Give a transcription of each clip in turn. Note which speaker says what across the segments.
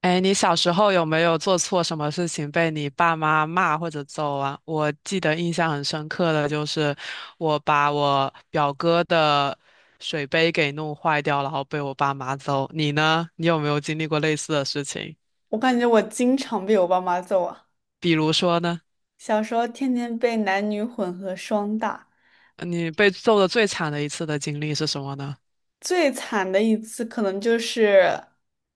Speaker 1: 哎，你小时候有没有做错什么事情被你爸妈骂或者揍啊？我记得印象很深刻的就是我把我表哥的水杯给弄坏掉，然后被我爸妈揍。你呢？你有没有经历过类似的事情？
Speaker 2: 我感觉我经常被我爸妈揍啊，
Speaker 1: 比如说呢，
Speaker 2: 小时候天天被男女混合双打，
Speaker 1: 你被揍的最惨的一次的经历是什么呢？
Speaker 2: 最惨的一次可能就是，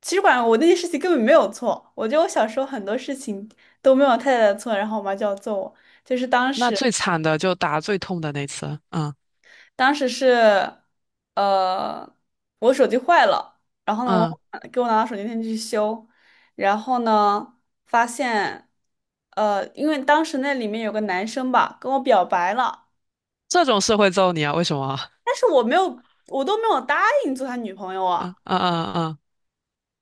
Speaker 2: 其实管我那件事情根本没有错，我觉得我小时候很多事情都没有太大的错，然后我妈就要揍我，就是当
Speaker 1: 那
Speaker 2: 时
Speaker 1: 最惨的就打最痛的那次。嗯
Speaker 2: 当时是，呃，我手机坏了，然后呢，
Speaker 1: 嗯，
Speaker 2: 我给我拿到手机店去修，然后呢，发现，因为当时那里面有个男生吧，跟我表白了。
Speaker 1: 这种事会揍你啊？为什么啊？
Speaker 2: 但是我没有，我都没有答应做他女朋友
Speaker 1: 嗯
Speaker 2: 啊。
Speaker 1: 嗯嗯嗯。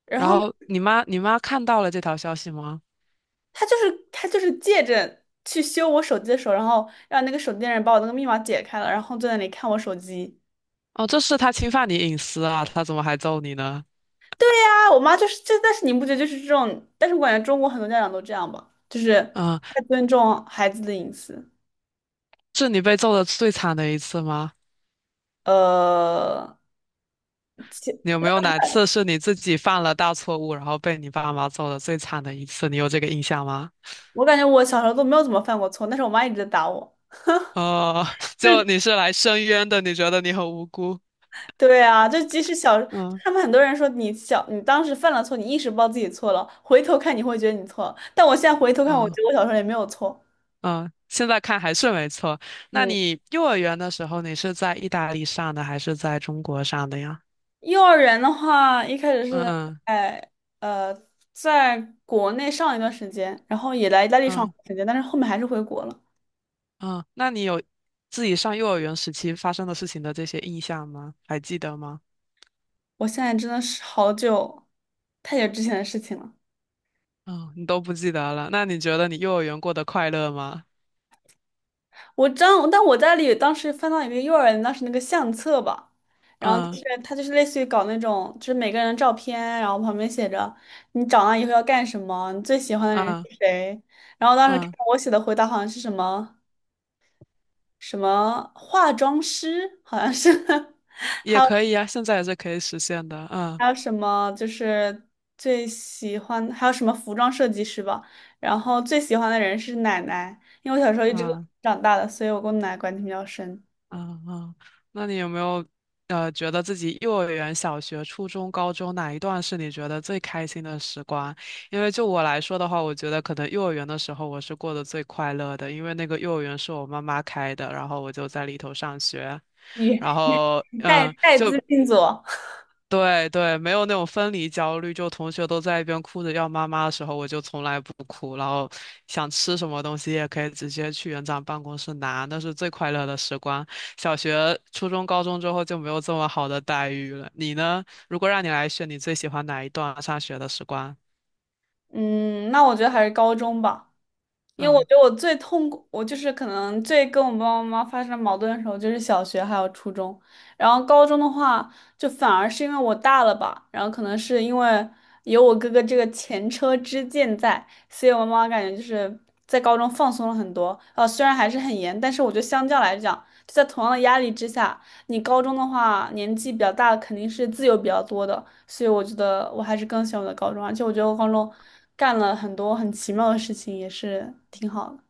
Speaker 2: 然
Speaker 1: 然
Speaker 2: 后
Speaker 1: 后你妈看到了这条消息吗？
Speaker 2: 他就是借着去修我手机的时候，然后让那个手机店人把我那个密码解开了，然后坐在那里看我手机。
Speaker 1: 哦，这是他侵犯你隐私啊，他怎么还揍你呢？
Speaker 2: 啊，我妈就是这，但是你不觉得就是这种？但是我感觉中国很多家长都这样吧，就是
Speaker 1: 嗯，
Speaker 2: 太尊重孩子的隐私。
Speaker 1: 是你被揍的最惨的一次吗？
Speaker 2: 呃，
Speaker 1: 你有
Speaker 2: 其
Speaker 1: 没有哪次是你自己犯了大错误，然后被你爸妈揍的最惨的一次？你有这个印象吗？
Speaker 2: 我感觉我小时候都没有怎么犯过错，但是我妈一直在打我。
Speaker 1: 哦，
Speaker 2: 就
Speaker 1: 就
Speaker 2: 是
Speaker 1: 你是来申冤的，你觉得你很无辜？
Speaker 2: 对啊，就即使小，
Speaker 1: 嗯
Speaker 2: 他们很多人说你小，你当时犯了错，你意识不到自己错了，回头看你会觉得你错了。但我现在回头看，我
Speaker 1: 嗯
Speaker 2: 觉得我小时候也没有错。
Speaker 1: 嗯，现在看还是没错。那
Speaker 2: 嗯，
Speaker 1: 你幼儿园的时候，你是在意大利上的还是在中国上的呀？
Speaker 2: 幼儿园的话，一开始是
Speaker 1: 嗯嗯
Speaker 2: 在呃，在国内上了一段时间，然后也来意大利上了
Speaker 1: 嗯
Speaker 2: 一段时间，但是后面还是回国了。
Speaker 1: 嗯，那你有自己上幼儿园时期发生的事情的这些印象吗？还记得吗？
Speaker 2: 我现在真的是好久，太久之前的事情了。
Speaker 1: 嗯，你都不记得了。那你觉得你幼儿园过得快乐吗？
Speaker 2: 我知道，但我家里当时翻到一个幼儿园当时那个相册吧，然后就
Speaker 1: 嗯
Speaker 2: 是它就是类似于搞那种，就是每个人的照片，然后旁边写着你长大以后要干什么，你最喜欢的人
Speaker 1: 嗯
Speaker 2: 是谁。然后当时看
Speaker 1: 嗯，
Speaker 2: 我写的回答好像是什么什么化妆师，好像是，还
Speaker 1: 也
Speaker 2: 有
Speaker 1: 可以呀，现在也是可以实现的。嗯
Speaker 2: 还有什么就是最喜欢，还有什么服装设计师吧。然后最喜欢的人是奶奶，因为我小时候一直跟我奶
Speaker 1: 嗯
Speaker 2: 奶长大的，所以我跟我奶奶关系比较深。
Speaker 1: 嗯嗯，那你有没有觉得自己幼儿园、小学、初中、高中哪一段是你觉得最开心的时光？因为就我来说的话，我觉得可能幼儿园的时候我是过得最快乐的，因为那个幼儿园是我妈妈开的，然后我就在里头上学。
Speaker 2: 你？
Speaker 1: 然后
Speaker 2: 带
Speaker 1: 嗯，
Speaker 2: 带
Speaker 1: 就
Speaker 2: 资进组，
Speaker 1: 对对，没有那种分离焦虑，就同学都在一边哭着要妈妈的时候，我就从来不哭，然后想吃什么东西也可以直接去园长办公室拿，那是最快乐的时光。小学、初中、高中之后就没有这么好的待遇了。你呢？如果让你来选，你最喜欢哪一段上学的时光？
Speaker 2: 嗯，那我觉得还是高中吧，因为我
Speaker 1: 嗯。
Speaker 2: 觉得我最痛苦，我就是可能最跟我爸爸妈妈发生矛盾的时候，就是小学还有初中，然后高中的话，就反而是因为我大了吧，然后可能是因为有我哥哥这个前车之鉴在，所以我妈妈感觉就是在高中放松了很多，虽然还是很严，但是我觉得相较来讲。就在同样的压力之下，你高中的话年纪比较大，肯定是自由比较多的，所以我觉得我还是更喜欢我的高中，而且我觉得我高中干了很多很奇妙的事情，也是挺好的。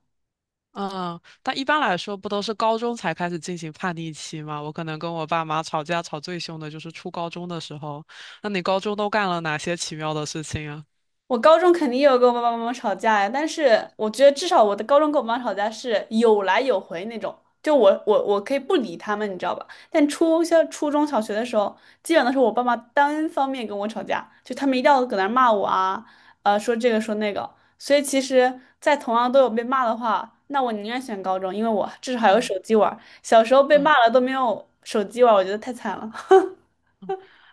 Speaker 1: 嗯，但一般来说，不都是高中才开始进行叛逆期吗？我可能跟我爸妈吵架吵最凶的就是初高中的时候。那你高中都干了哪些奇妙的事情啊？
Speaker 2: 我高中肯定也有跟我爸爸妈妈吵架呀，但是我觉得至少我的高中跟我妈吵架是有来有回那种，就我可以不理他们，你知道吧？但初小初中小学的时候，基本都是我爸妈单方面跟我吵架，就他们一定要搁那儿骂我啊，说这个说那个。所以其实，在同样都有被骂的话，那我宁愿选高中，因为我至少还有
Speaker 1: 嗯
Speaker 2: 手机玩儿小时候被骂
Speaker 1: 嗯，
Speaker 2: 了都没有手机玩儿我觉得太惨了。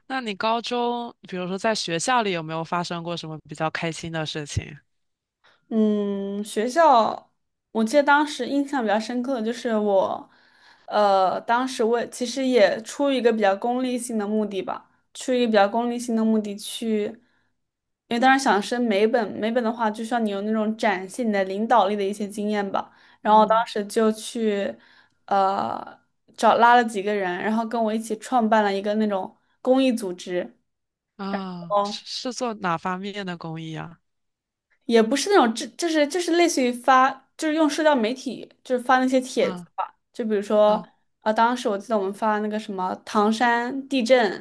Speaker 1: 那你高中，比如说在学校里有没有发生过什么比较开心的事情？
Speaker 2: 嗯，学校，我记得当时印象比较深刻的就是我，当时我也其实也出于一个比较功利性的目的吧，出于一个比较功利性的目的去，因为当时想升美本，美本的话就需要你有那种展现你的领导力的一些经验吧，然后我
Speaker 1: 嗯
Speaker 2: 当时就去，呃，找拉了几个人，然后跟我一起创办了一个那种公益组织。
Speaker 1: 啊，是做哪方面的公益啊？
Speaker 2: 也不是那种，这就是就是类似于发，就是用社交媒体，就是发那些帖子
Speaker 1: 嗯
Speaker 2: 吧。就比如说，
Speaker 1: 嗯
Speaker 2: 啊，当时我记得我们发那个什么唐山地震，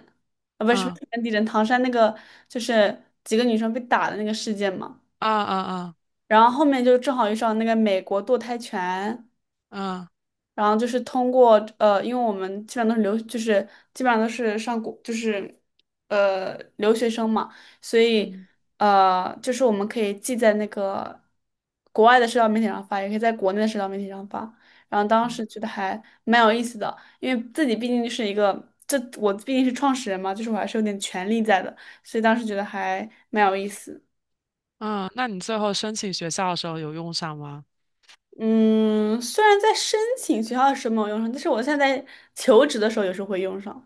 Speaker 2: 啊，不是什么唐
Speaker 1: 嗯
Speaker 2: 山地震，唐山那个就是几个女生被打的那个事件嘛。
Speaker 1: 啊啊啊
Speaker 2: 然后后面就正好遇上那个美国堕胎权，
Speaker 1: 啊
Speaker 2: 然后就是通过，因为我们基本上都是留，就是基本上都是上国，就是留学生嘛，所以
Speaker 1: 嗯
Speaker 2: 就是我们可以既在那个国外的社交媒体上发，也可以在国内的社交媒体上发。然后当时觉得还蛮有意思的，因为自己毕竟是一个，这我毕竟是创始人嘛，就是我还是有点权利在的，所以当时觉得还蛮有意思。
Speaker 1: 嗯，那你最后申请学校的时候有用上吗？
Speaker 2: 嗯，虽然在申请学校的时候没有用上，但是我现在在求职的时候有时候会用上。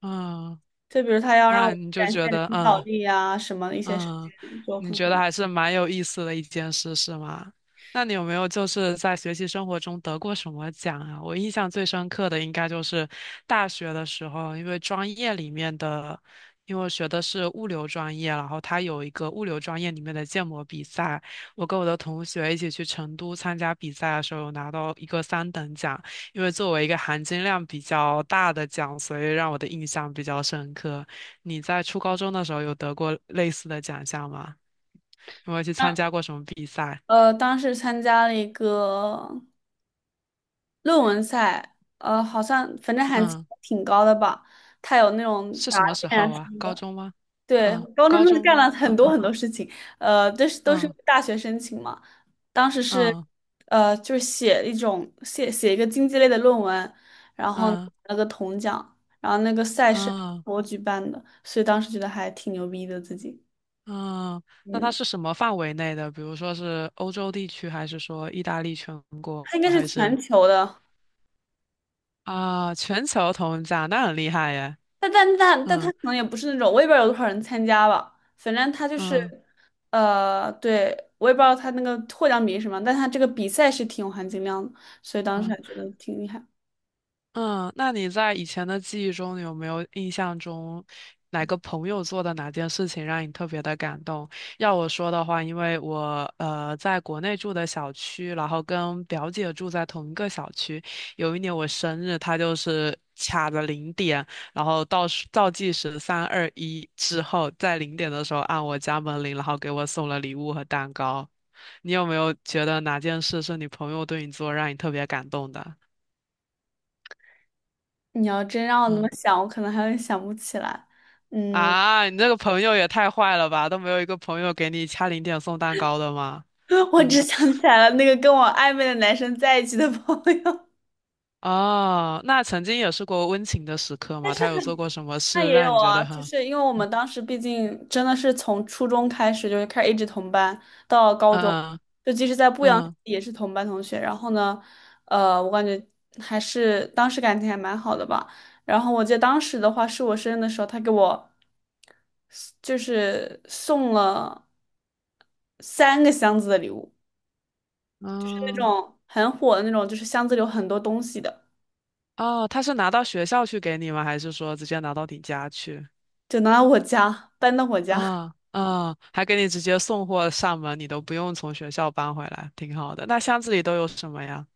Speaker 1: 嗯，
Speaker 2: 就比如他要让
Speaker 1: 那
Speaker 2: 我
Speaker 1: 你就
Speaker 2: 展
Speaker 1: 觉
Speaker 2: 现
Speaker 1: 得
Speaker 2: 领导
Speaker 1: 嗯。
Speaker 2: 力啊，什么的一些事
Speaker 1: 嗯，
Speaker 2: 情，就
Speaker 1: 你
Speaker 2: 可能
Speaker 1: 觉得还是蛮有意思的一件事，是吗？那你有没有就是在学习生活中得过什么奖啊？我印象最深刻的应该就是大学的时候，因为专业里面的，因为我学的是物流专业，然后它有一个物流专业里面的建模比赛，我跟我的同学一起去成都参加比赛的时候，有拿到一个三等奖，因为作为一个含金量比较大的奖，所以让我的印象比较深刻。你在初高中的时候有得过类似的奖项吗？有没有去参
Speaker 2: 当
Speaker 1: 加过什么比赛？
Speaker 2: 当时参加了一个论文赛，好像反正还
Speaker 1: 嗯，
Speaker 2: 挺高的吧。他有那种
Speaker 1: 是
Speaker 2: 答
Speaker 1: 什么时
Speaker 2: 辩啊
Speaker 1: 候
Speaker 2: 什
Speaker 1: 啊？
Speaker 2: 么
Speaker 1: 高
Speaker 2: 的，
Speaker 1: 中吗？
Speaker 2: 对，
Speaker 1: 嗯，
Speaker 2: 高中
Speaker 1: 高
Speaker 2: 真的
Speaker 1: 中
Speaker 2: 干
Speaker 1: 吗？
Speaker 2: 了很多
Speaker 1: 嗯
Speaker 2: 很多事情，都是都是
Speaker 1: 嗯
Speaker 2: 大学申请嘛。当时是
Speaker 1: 嗯
Speaker 2: 就是写一种写写一个经济类的论文，然后拿
Speaker 1: 嗯
Speaker 2: 了个铜奖，然后那个赛事
Speaker 1: 嗯
Speaker 2: 我举办的，所以当时觉得还挺牛逼的自己。
Speaker 1: 嗯。那它
Speaker 2: 嗯，
Speaker 1: 是什么范围内的？比如说是欧洲地区，还是说意大利全国，
Speaker 2: 它应该是
Speaker 1: 还是
Speaker 2: 全球的，
Speaker 1: 啊全球同奖？那很厉害耶。
Speaker 2: 但但但但它
Speaker 1: 嗯，
Speaker 2: 可能也不是那种，我也不知道有多少人参加吧。反正它就是，
Speaker 1: 嗯
Speaker 2: 对，我也不知道它那个获奖比例是什么，但它这个比赛是挺有含金量的，所以当时
Speaker 1: 嗯
Speaker 2: 还觉得挺厉害。
Speaker 1: 嗯，那你在以前的记忆中，你有没有印象中哪个朋友做的哪件事情让你特别的感动？要我说的话，因为我在国内住的小区，然后跟表姐住在同一个小区。有一年我生日，她就是卡着零点，然后倒数倒计时三二一之后，在零点的时候按我家门铃，然后给我送了礼物和蛋糕。你有没有觉得哪件事是你朋友对你做让你特别感动的？
Speaker 2: 你要真让我那么
Speaker 1: 嗯。
Speaker 2: 想，我可能还会想不起来。嗯，
Speaker 1: 啊，你这个朋友也太坏了吧，都没有一个朋友给你掐零点送蛋糕的吗？
Speaker 2: 我只
Speaker 1: 嗯，
Speaker 2: 想起来了那个跟我暧昧的男生在一起的朋友。
Speaker 1: 哦，那曾经也是过温情的时刻
Speaker 2: 但
Speaker 1: 吗？
Speaker 2: 是。
Speaker 1: 他有做过什么
Speaker 2: 那
Speaker 1: 事
Speaker 2: 也有
Speaker 1: 让你觉
Speaker 2: 啊，
Speaker 1: 得
Speaker 2: 就
Speaker 1: 很，
Speaker 2: 是因为我
Speaker 1: 嗯
Speaker 2: 们当时毕竟真的是从初中开始，就是开始一直同班到高中，
Speaker 1: 嗯
Speaker 2: 就即使在不阳
Speaker 1: 嗯
Speaker 2: 也是同班同学。然后呢，我感觉还是当时感情还蛮好的吧。然后我记得当时的话是我生日的时候，他给我就是送了三个箱子的礼物，就是那
Speaker 1: 嗯，
Speaker 2: 种很火的那种，就是箱子里有很多东西的，
Speaker 1: 哦，他是拿到学校去给你吗？还是说直接拿到你家去？
Speaker 2: 就拿到我家，搬到我家。
Speaker 1: 啊啊，还给你直接送货上门，你都不用从学校搬回来，挺好的。那箱子里都有什么呀？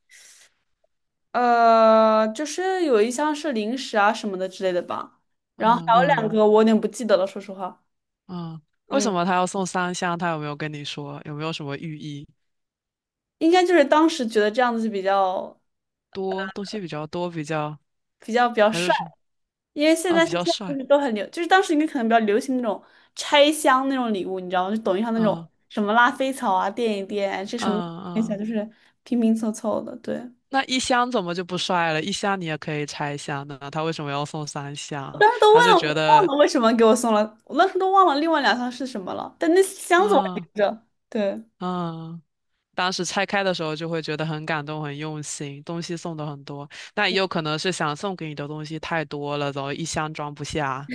Speaker 2: 就是有一箱是零食啊什么的之类的吧，然后
Speaker 1: 嗯
Speaker 2: 还有两
Speaker 1: 嗯
Speaker 2: 个我有点不记得了，说实话，
Speaker 1: 嗯，为什
Speaker 2: 嗯，
Speaker 1: 么他要送三箱？他有没有跟你说？有没有什么寓意？
Speaker 2: 应该就是当时觉得这样子就比较
Speaker 1: 多，东西比较多，比较
Speaker 2: 比较
Speaker 1: 还是
Speaker 2: 帅，
Speaker 1: 说
Speaker 2: 因为现
Speaker 1: 啊
Speaker 2: 在
Speaker 1: 比
Speaker 2: 现
Speaker 1: 较
Speaker 2: 在不
Speaker 1: 帅
Speaker 2: 是都很流，就是当时应该可能比较流行那种拆箱那种礼物，你知道吗？就抖音上那
Speaker 1: 啊
Speaker 2: 种什么拉菲草啊，垫一垫，这什么
Speaker 1: 嗯
Speaker 2: 一下
Speaker 1: 嗯，
Speaker 2: 就是拼拼凑凑的，对。
Speaker 1: 那一箱怎么就不帅了？一箱你也可以拆一箱的，他为什么要送三
Speaker 2: 我
Speaker 1: 箱？
Speaker 2: 当时都
Speaker 1: 他是
Speaker 2: 忘了，
Speaker 1: 觉
Speaker 2: 忘
Speaker 1: 得
Speaker 2: 了为什么给我送了，我当时都忘了另外两箱是什么了，但那箱子我还
Speaker 1: 啊
Speaker 2: 留着。对，
Speaker 1: 嗯，当时拆开的时候就会觉得很感动、很用心，东西送的很多，但也有可能是想送给你的东西太多了，然后一箱装不下。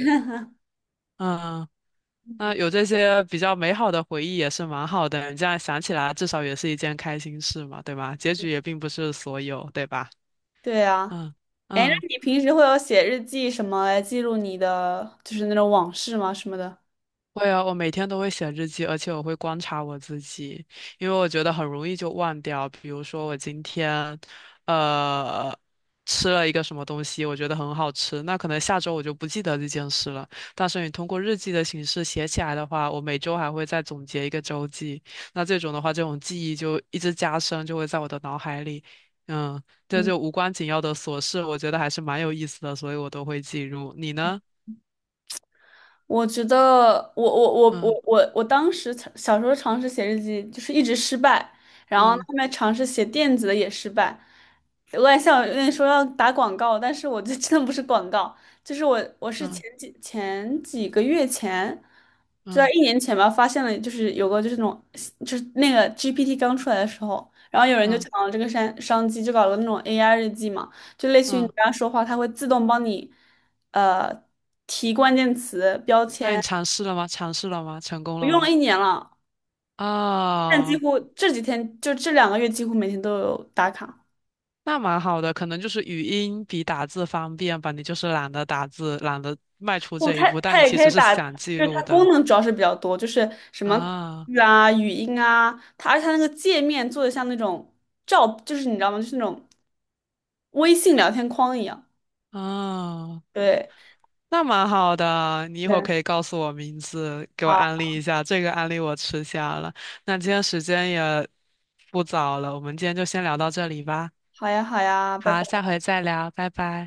Speaker 1: 嗯，那有这些比较美好的回忆也是蛮好的，你这样想起来，至少也是一件开心事嘛，对吧？结局也并不是所有，对吧？
Speaker 2: 对啊。
Speaker 1: 嗯
Speaker 2: 哎，那
Speaker 1: 嗯，
Speaker 2: 你平时会有写日记什么来记录你的，就是那种往事吗？什么的？
Speaker 1: 会啊，我每天都会写日记，而且我会观察我自己，因为我觉得很容易就忘掉。比如说我今天，呃，吃了一个什么东西，我觉得很好吃，那可能下周我就不记得这件事了。但是你通过日记的形式写起来的话，我每周还会再总结一个周记，那这种的话，这种记忆就一直加深，就会在我的脑海里。嗯，这就无关紧要的琐事，我觉得还是蛮有意思的，所以我都会记录。你呢？
Speaker 2: 我觉得我我我
Speaker 1: 嗯
Speaker 2: 我我我当时尝小时候尝试写日记，就是一直失败，然后
Speaker 1: 嗯。
Speaker 2: 后面尝试写电子的也失败。我也想有点说要打广告，但是我这 真的不是广告，就是我是
Speaker 1: 嗯
Speaker 2: 前几前几个月前，就在
Speaker 1: 嗯
Speaker 2: 一年前吧，发现了就是有个就是那种就是那个 GPT 刚出来的时候，然后有人就
Speaker 1: 嗯
Speaker 2: 抢了这个商商机，就搞了那种 AI 日记嘛，就类似于你
Speaker 1: 嗯，
Speaker 2: 跟他说话，它会自动帮你。呃提关键词标
Speaker 1: 那你
Speaker 2: 签，
Speaker 1: 尝试了吗？尝试了吗？成功
Speaker 2: 我
Speaker 1: 了
Speaker 2: 用了
Speaker 1: 吗？
Speaker 2: 一年了，但几
Speaker 1: 哦，
Speaker 2: 乎这几天就这两个月几乎每天都有打卡。
Speaker 1: 那蛮好的，可能就是语音比打字方便吧。你就是懒得打字，懒得迈出
Speaker 2: 哦，
Speaker 1: 这一
Speaker 2: 它
Speaker 1: 步，但
Speaker 2: 它
Speaker 1: 你
Speaker 2: 也
Speaker 1: 其
Speaker 2: 可
Speaker 1: 实
Speaker 2: 以
Speaker 1: 是
Speaker 2: 打，
Speaker 1: 想记
Speaker 2: 就是
Speaker 1: 录
Speaker 2: 它
Speaker 1: 的
Speaker 2: 功能主要是比较多，就是什么口
Speaker 1: 啊
Speaker 2: 语啊、语音啊，它而且它那个界面做的像那种照，就是你知道吗？就是那种微信聊天框一样。
Speaker 1: 啊，
Speaker 2: 对
Speaker 1: 那蛮好的。你一会儿
Speaker 2: 对，
Speaker 1: 可以告诉我名字，给我
Speaker 2: 好，
Speaker 1: 安利一下。这个安利我吃下了。那今天时间也不早了，我们今天就先聊到这里吧。
Speaker 2: 好呀，好呀，拜
Speaker 1: 好，下
Speaker 2: 拜。
Speaker 1: 回再聊，拜拜。